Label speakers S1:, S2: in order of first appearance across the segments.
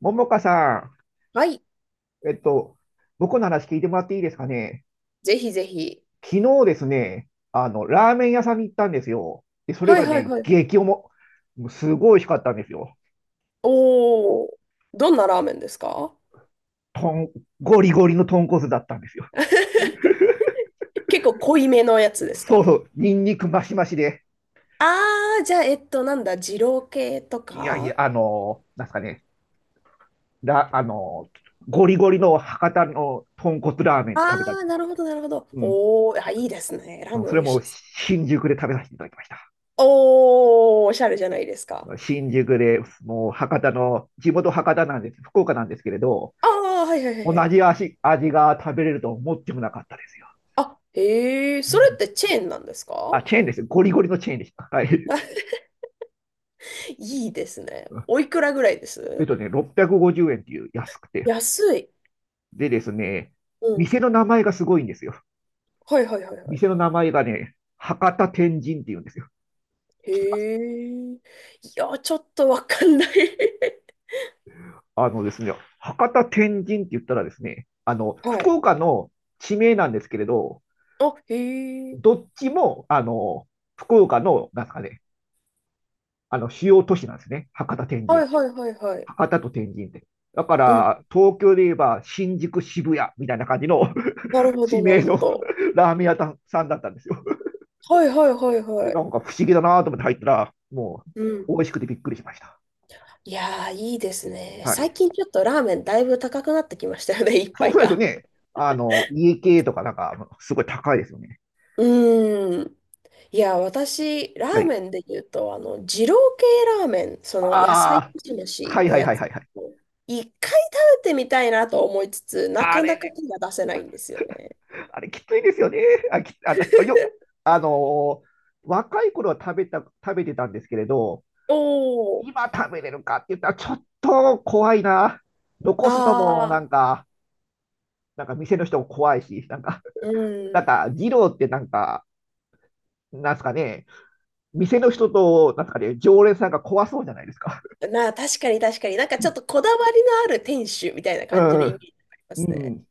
S1: ももかさ
S2: はい。
S1: ん、僕の話聞いてもらっていいですかね。
S2: ぜひぜひ。
S1: 昨日ですね、ラーメン屋さんに行ったんですよ。で、それ
S2: はい
S1: が
S2: はい
S1: ね、
S2: はいはい。
S1: 激重。もうすごい美味しかったんですよ。
S2: おー。どんなラーメンですか？
S1: とん、ゴリゴリの豚骨だったんですよ。
S2: 結構濃いめのやつです
S1: そう
S2: か？
S1: そう、ニンニクマシマシで。
S2: あー、じゃあ、なんだ、二郎系と
S1: いやいや、
S2: か。
S1: なんすかね、ラ、あの、ゴリゴリの博多の豚骨ラーメン食べたんで
S2: あ
S1: す
S2: ー、
S1: よ。
S2: なるほどなるほど。
S1: うん。
S2: おー、あ、いいですね。ラー
S1: うん
S2: メ
S1: そ
S2: ン
S1: れ
S2: 美味し
S1: も
S2: いです。
S1: 新宿で食べさせていただきました。
S2: おー、おしゃれじゃないですか。
S1: 新宿で、もう博多の、地元博多なんです、福岡なんですけれど、
S2: あー、はいはいはい
S1: 同
S2: はい。
S1: じ味が食べれると思ってもなかったですよ。
S2: あ、へえ、
S1: う
S2: それっ
S1: ん
S2: てチェーンなんです
S1: あ、
S2: か？
S1: チェーンです。ゴリゴリのチェーンでした。はい。
S2: いいですね。おいくらぐらいです？
S1: 650円っていう安くて。
S2: 安い。
S1: でですね、
S2: うん。
S1: 店の名前がすごいんですよ。
S2: はいはいはいはい。
S1: 店の名前がね、博多天神っていうんですよ。
S2: へ
S1: 知ってます？
S2: え。いや、ちょっとわかんない。
S1: あのですね、博多天神って言ったらですね、
S2: は
S1: 福
S2: い。
S1: 岡の地名なんですけれど、
S2: あ、へえ。
S1: どっちも、福岡の、なんですかね、主要都市なんですね。
S2: はいはいはいはい。
S1: 博多と天神って。だか
S2: うん。
S1: ら、東京で言えば新宿渋谷みたいな感じの
S2: なる ほ
S1: 地
S2: ど、な
S1: 名
S2: る
S1: の
S2: ほど。
S1: ラーメン屋さんだったんですよ。
S2: はいはいはいは
S1: な
S2: い。
S1: んか不思議だなと思って入ったら、も
S2: うん。
S1: う美味しくてびっくりしました。
S2: いやー、いいですね。
S1: は
S2: 最
S1: い。
S2: 近ちょっとラーメンだいぶ高くなってきましたよね、一
S1: そう、
S2: 杯
S1: そうですよ
S2: が。
S1: ね。家系とかなんか、すごい高いですよね。
S2: うーん。いや、私、ラ
S1: は
S2: ー
S1: い。
S2: メンで言うと、二郎系ラーメン、その野菜
S1: あ
S2: 蒸し
S1: あ、は
S2: 飯
S1: い
S2: の
S1: はい
S2: や
S1: はい
S2: つ、
S1: はいはい。
S2: 一回食べてみたいなと思いつつ、な
S1: あ
S2: かな
S1: れ
S2: か
S1: ね、
S2: 手が出せないんですよね。
S1: あれきついですよね。あ、き、あの、よ、あのー若い頃は食べてたんですけれど、
S2: お
S1: 今食べれるかって言ったら、ちょっと怖いな。
S2: あ
S1: 残すのもなん
S2: あ、
S1: か、なんか店の人も怖いし、なんか、
S2: う
S1: なん
S2: ん。
S1: か、二郎ってなんか、なんですかね、店の人と、なんですかね、常連さんが怖そうじゃないですか。
S2: まあ確かに確かに。なんかちょっと こだわりのある店主みたいな
S1: う
S2: 感じのイメ
S1: ん、
S2: ージがありま
S1: う
S2: すね。
S1: ん、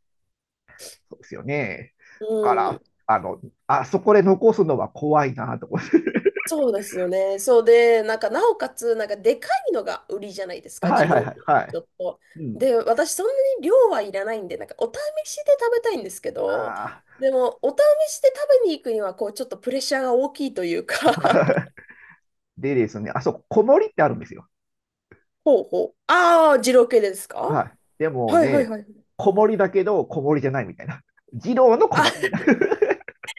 S1: そうですよね。だか
S2: う
S1: ら、
S2: ん。
S1: あそこで残すのは怖いなと思って。
S2: そうですよね。そうで、なんかなおかつ、なんかでかいのが売りじゃないです か、
S1: はい
S2: 二
S1: はい
S2: 郎
S1: はい、
S2: 系。
S1: は
S2: ち
S1: い。
S2: ょっと。
S1: うん。
S2: で、私そんなに量はいらないんで、なんかお試しで食べたいんですけど、
S1: あ
S2: でもお試しで食べに行くには、こうちょっとプレッシャーが大きいという
S1: あ。
S2: か。
S1: でですね、あそこ、小森ってあるんですよ。
S2: ほうほう。 ああ、二郎系ですか？
S1: はい。でも
S2: はいはい
S1: ね、
S2: はい。
S1: 子守だけど、子守じゃないみたいな。児童の子守み
S2: あ
S1: たいな。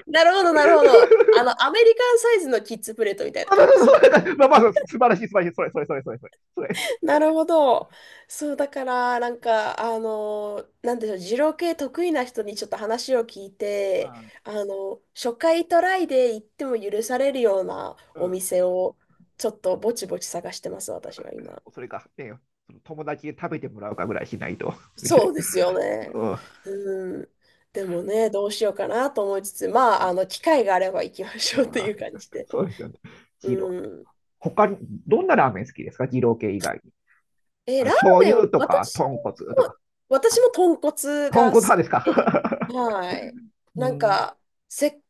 S2: なるほど、なるほど。あの、アメリカンサイズのキッズプレートみたい な
S1: そうそ
S2: 感じで
S1: う
S2: すね。
S1: そうそうまあまあ、素晴らしい、素晴らしい。それ、それ、それ、それ、それ。それ、
S2: なるほど。そう、だから、なんか、なんでしょう、二郎系得意な人にちょっと話を聞い
S1: う
S2: て、
S1: ん
S2: あの、初回トライで行っても許されるような
S1: う
S2: お
S1: ん。
S2: 店を、ちょっとぼちぼち探してます、私は今。
S1: それか、ね、友達で食べてもらうかぐらいしないと。
S2: そう ですよね。
S1: うん。あ
S2: うん。でもね、どうしようかなと思いつつ、まあ、あの、機会があれば行きましょうと
S1: ー
S2: いう感じで。
S1: そうですよね。ジロー。
S2: うん。
S1: 他に、どんなラーメン好きですか？二郎系以外に。
S2: え、ラー
S1: 醤
S2: メンは、
S1: 油とか、
S2: 私
S1: 豚骨とか。
S2: も、私も豚骨
S1: 豚
S2: が
S1: 骨
S2: 好
S1: 派ですか？
S2: きで、はい。
S1: う
S2: なん
S1: ん。
S2: か、せ、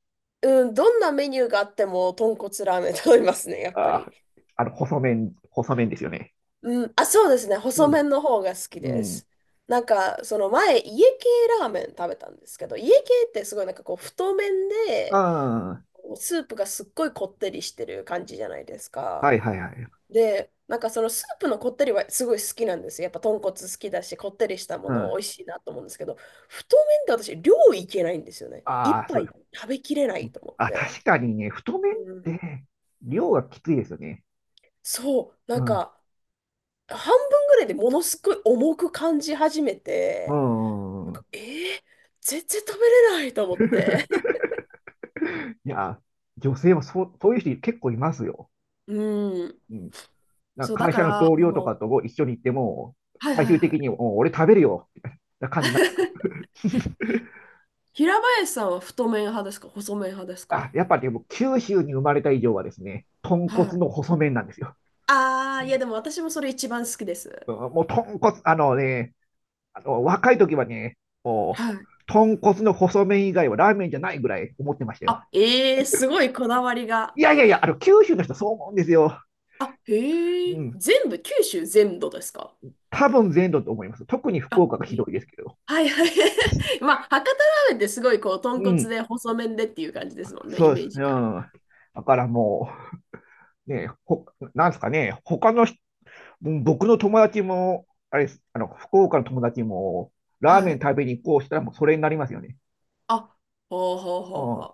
S2: うん、どんなメニューがあっても豚骨ラーメン食べますね、や っぱ
S1: あ
S2: り。
S1: ー、細麺、細麺ですよね。
S2: うん、あ、そうですね、
S1: う
S2: 細
S1: ん。
S2: 麺の方が好き
S1: う
S2: で
S1: ん。
S2: す。なんか、その前、家系ラーメン食べたんですけど、家系ってすごいなんかこう、太麺で、
S1: あ
S2: スープがすっごいこってりしてる感じじゃないです
S1: あ、
S2: か。
S1: はいはいはい。
S2: で、なんかそのスープのこってりはすごい好きなんですよ。やっぱ豚骨好きだし、こってりしたも
S1: う
S2: の
S1: ん。
S2: 美味しいなと思うんですけど、太麺って私、量いけないんですよね。一
S1: ああ、そ
S2: 杯
S1: う。
S2: 食べきれないと思っ
S1: あ、
S2: て。
S1: 確かにね、太麺っ
S2: うん、
S1: て量がきついですよね。
S2: そう、
S1: う
S2: なん
S1: ん。う
S2: か半分ぐらいでものすごい重く感じ始め
S1: ん。う
S2: て、
S1: ん
S2: なん
S1: うん
S2: か、全然食べれないと思って。
S1: いや、女性もそういう人結構いますよ。
S2: うん、
S1: うん。なん
S2: そう、
S1: か
S2: だ
S1: 会
S2: か
S1: 社の
S2: ら、あ
S1: 同僚と
S2: の、
S1: かとも一緒に行っても、
S2: はい
S1: 最
S2: はい
S1: 終的
S2: は
S1: に、
S2: い。
S1: もう俺食べるよ、みたいな感じになってる。
S2: 平林さんは太麺派ですか細麺派です
S1: あ、
S2: か？
S1: やっぱりでも九州に生まれた以上はですね、豚
S2: は
S1: 骨
S2: い。
S1: の細麺なんですよ。
S2: ああ、いやでも私もそれ一番好きです。
S1: うんもう豚骨、あのね、あの若い時はね、も
S2: はい。
S1: う豚骨の細麺以外はラーメンじゃないぐらい思ってましたよ。
S2: あ、ええすごいこだわり
S1: い
S2: が。
S1: やいやいや、九州の人そう思うんですよ。
S2: あ、へえ。
S1: うん。
S2: 全部、九州全土ですか？
S1: 多分全土と思います。特に福
S2: あ、
S1: 岡がひ
S2: え
S1: ど
S2: え
S1: いですけど。
S2: はいはい。まあ、博多ラーメンってすごいこう、豚
S1: う
S2: 骨
S1: ん。
S2: で細麺でっていう感じですもんね、イ
S1: そうで
S2: メ
S1: す。
S2: ー
S1: う
S2: ジが。
S1: ん。だからもう、なんですかね、他の人、うん僕の友達も、あれです、福岡の友達も、ラー
S2: は
S1: メン
S2: い。
S1: 食べに行こうしたらもうそれになりますよね。
S2: あ、ほうほう
S1: う
S2: ほうほ
S1: ん。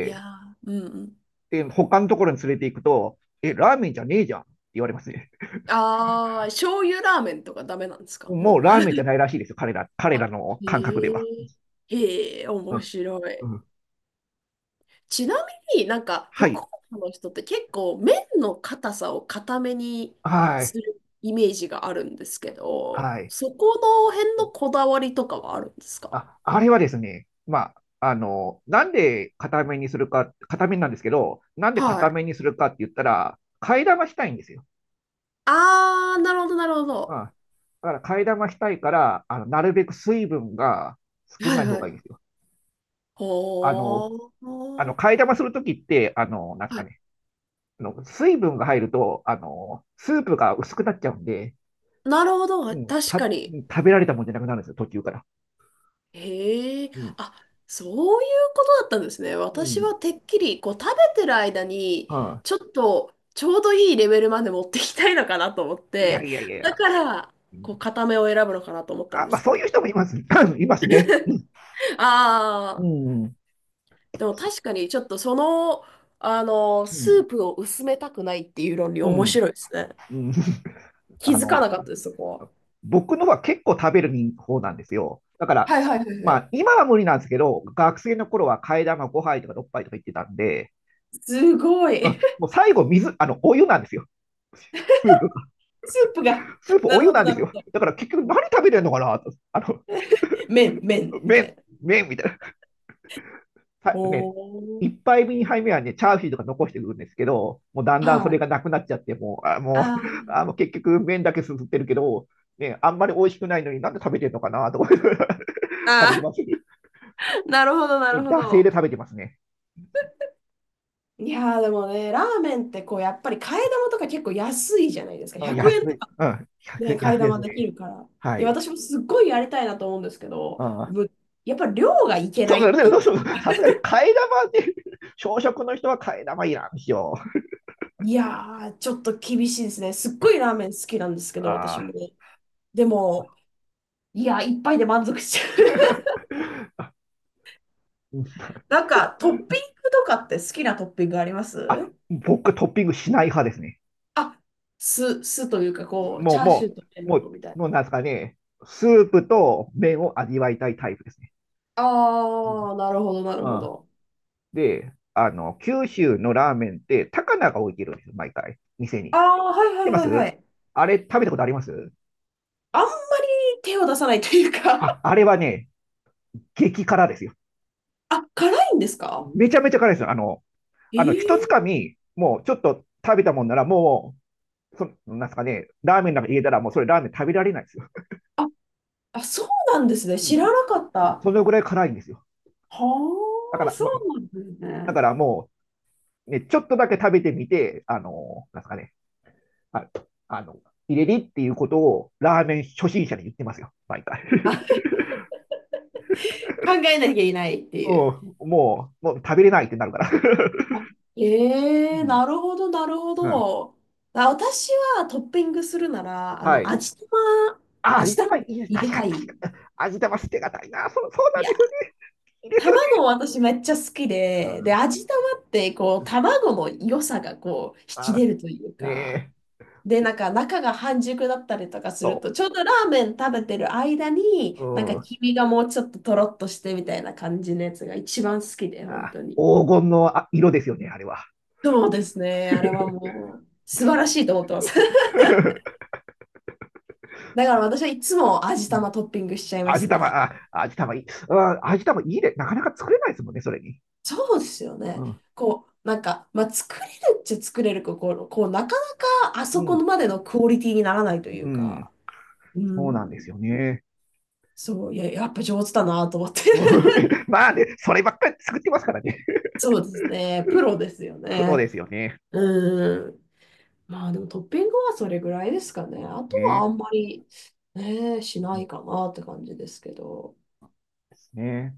S2: う。いやー、うんうん。
S1: で、他のところに連れて行くと、え、ラーメンじゃねえじゃんって言われますね。
S2: ああ、醤油ラーメンとかダメなんですか
S1: もう
S2: も
S1: ラー
S2: う。
S1: メンじゃないらしいですよ、彼ら、彼ら
S2: あ、
S1: の
S2: へ
S1: 感覚では。
S2: え。へえ、
S1: う
S2: 面
S1: ん。
S2: 白
S1: う
S2: い。
S1: ん、
S2: ちなみになんか
S1: は
S2: 福
S1: い。
S2: 岡の人って結構麺の硬さを硬めに
S1: はい。
S2: するイメージがあるんですけど、
S1: はい。
S2: そこの辺のこだわりとかはあるんですか？
S1: あ、あれはですね、まあ、なんで硬めにするか、硬めなんですけど、なんで
S2: は
S1: 硬
S2: い。
S1: めにするかって言ったら、替え玉したいんですよ。
S2: あー、なるほど、なるほ
S1: うん。
S2: ど。
S1: だから替え玉したいから、なるべく水分が少
S2: は
S1: な
S2: い
S1: い方
S2: は
S1: がいい
S2: い。
S1: んですよ。あの、
S2: ほー。
S1: 替え玉するときって、なんす
S2: は
S1: か
S2: い
S1: ね、水分が入ると、スープが薄くなっちゃうんで、
S2: なるほど。
S1: うん、
S2: 確かに。
S1: 食べられたもんじゃなくなるんですよ、途中から。
S2: へえ、
S1: うん。
S2: あ、そういうことだったんですね。
S1: う
S2: 私
S1: ん。
S2: はてっきり、こう、食べてる間に、
S1: うん。
S2: ちょっと、ちょうどいいレベルまで持っていきたいのかなと思っ
S1: いや
S2: て、
S1: いやいやい
S2: だ
S1: や。
S2: から、
S1: う
S2: こ
S1: ん
S2: う、固めを選ぶのかなと思ったん
S1: あ、
S2: で
S1: まあ、
S2: すけ
S1: そういう
S2: ど。
S1: 人もいます。いますね。う
S2: ああ、
S1: ん、うん、
S2: でも確かに、ちょっとその、あの、スープを薄めたくないっていう論理
S1: う
S2: 面
S1: ん、
S2: 白いですね。
S1: うん。
S2: 気
S1: あ
S2: づか
S1: の、
S2: なかったです、そこは。
S1: 僕のは結構食べる方なんですよ。だから、
S2: はいはいはいは
S1: ま
S2: い。
S1: あ、今は無理なんですけど、学生の頃は替え玉5杯とか6杯とか言ってたんで、
S2: すご
S1: う
S2: い。
S1: ん もう最後、水、あの、お湯なんですよ。スープが。
S2: スープが。
S1: スー プ
S2: な
S1: お
S2: る
S1: 湯
S2: ほ
S1: な
S2: ど、
S1: んで
S2: な
S1: す
S2: るほ
S1: よ。
S2: ど。
S1: だから結局何食べてるのかなと。
S2: 麺、麺、みた
S1: 麺、
S2: いな。
S1: 麺みたいさ
S2: お
S1: ね、一
S2: ー。
S1: 杯目、二杯目はね、チャーシューとか残してくるんですけど、もうだんだんそ
S2: は
S1: れ
S2: い。
S1: がなくなっちゃって、もう、あ、
S2: あ
S1: もう、
S2: ー
S1: 結局麺だけすすってるけど、ね、あんまり美味しくないのになんで食べてるのかなと思って 食べて
S2: あー。
S1: ま す
S2: あ
S1: ね。
S2: なるほど、な
S1: え
S2: るほ
S1: 惰性
S2: ど。
S1: で食べてますね。
S2: いやーでもね、ラーメンってこう、やっぱり替え玉とか結構安いじゃないですか。
S1: あ、
S2: 100
S1: 安
S2: 円と
S1: い。
S2: か
S1: うん。
S2: ね、
S1: 1
S2: 替
S1: 安
S2: え
S1: いで
S2: 玉
S1: すね。
S2: できるから。
S1: は
S2: いや、
S1: い。
S2: 私もすっごいやりたいなと思うんですけど、
S1: うん。
S2: ぶやっぱ量がいけ
S1: そ
S2: な
S1: う
S2: い
S1: そ
S2: って
S1: う
S2: い
S1: そう
S2: う。
S1: そう。さすが に替え玉って小食の人は替え玉いらんしよう。
S2: いやー、ちょっと厳しいですね。すっごいラーメン好きなんですけど、私
S1: あ
S2: もね。で
S1: ー
S2: も、いや、一杯で満足しちゃう。
S1: うん
S2: なんか、トッピングとかって好きなトッピングあります？
S1: 僕トッピングしない派ですね。
S2: あ、酢、酢というか、こう、
S1: も
S2: チ
S1: う、
S2: ャーシュ
S1: も
S2: ーと
S1: う、
S2: 麺
S1: も
S2: なの
S1: う、
S2: みたいな。
S1: もうなんですかね、スープと麺を味わいたいタイプですね。うん
S2: ああ、なるほど、なる
S1: う
S2: ほ
S1: ん
S2: ど。
S1: で、九州のラーメンって、高菜が置いてるんですよ、毎回、店に。
S2: あ
S1: 知っ
S2: あ、はいは
S1: てま
S2: いはいは
S1: す？
S2: い。
S1: あれ、食べたことあります？
S2: あんまり手を出さないというか。
S1: あ、あれはね、激辛ですよ。
S2: あ、辛いんですか？
S1: めちゃめちゃ辛いですよ。
S2: え
S1: 一つか
S2: え
S1: み、もうちょっと食べたもんなら、もう、なんすかね、ラーメンなんか入れたら、もうそれラーメン食べられないですよ。
S2: あ、あ、そうなんですね。
S1: う
S2: 知
S1: ん、
S2: らなかった。は
S1: そのぐらい辛いんですよ。
S2: あ、
S1: だから、
S2: そ
S1: ま、
S2: うなんです
S1: だか
S2: ね。
S1: らもう、ね、ちょっとだけ食べてみて、なんですかね、ああの、入れりっていうことをラーメン初心者に言ってますよ、毎回。
S2: 考えなきゃいけないって
S1: う
S2: いう。
S1: ん、もう食べれないってなるから。
S2: あ
S1: う
S2: ええ
S1: ん
S2: なるほど、なるほ
S1: うん、
S2: ど。あ、私はトッピングするなら、あ
S1: は
S2: の、
S1: い。
S2: 味玉、
S1: あ、味
S2: 味玉
S1: 玉いいです。
S2: 入
S1: 確
S2: れ
S1: か
S2: た
S1: に、確
S2: い。
S1: かに。味玉捨てがたいな。そう、そうな
S2: い
S1: んで
S2: や
S1: すよね。いいですよね。
S2: 卵私めっちゃ好きで、で、味玉ってこ
S1: う
S2: う、
S1: ん、
S2: 卵の良さがこう、引き出
S1: あ、
S2: るという
S1: ね
S2: か、
S1: え、
S2: で、なんか中が半熟だったりとかする
S1: そ
S2: と、ちょうどラーメン食べてる間に、なんか
S1: う。うん、
S2: 黄身がもうちょっととろっとしてみたいな感じのやつが一番好きで、本
S1: あ、
S2: 当に。
S1: 黄金のあ色ですよね、あれは。
S2: そうですね。あれはもう、素晴らしいと思ってます。だから
S1: そ
S2: 私はいつも味
S1: ううん
S2: 玉トッピングしちゃいま
S1: 味
S2: す
S1: 玉、
S2: ね。
S1: あ、味玉いい。あ、味玉いいね。なかなか作れないですもんね、それに。
S2: そうですよ
S1: う
S2: ね。
S1: ん、
S2: こう、なんか、まあ、作れるっちゃ作れるけど、こう、こうなかなかあ
S1: う
S2: そこ
S1: ん、
S2: までのクオリティにならないとい
S1: う
S2: う
S1: ん、
S2: か、う
S1: そうなんです
S2: ん、
S1: よね。
S2: そう、いや、やっぱ上手だなと思って。
S1: まあね、そればっかり作ってますからね。
S2: そうですね。プロですよ
S1: プロで
S2: ね。
S1: すよね。
S2: うん。まあでもトッピングはそれぐらいですかね。あとはあん
S1: ね。
S2: まり、ね、し
S1: う
S2: な
S1: ん
S2: いかなって感じですけど。
S1: ですね。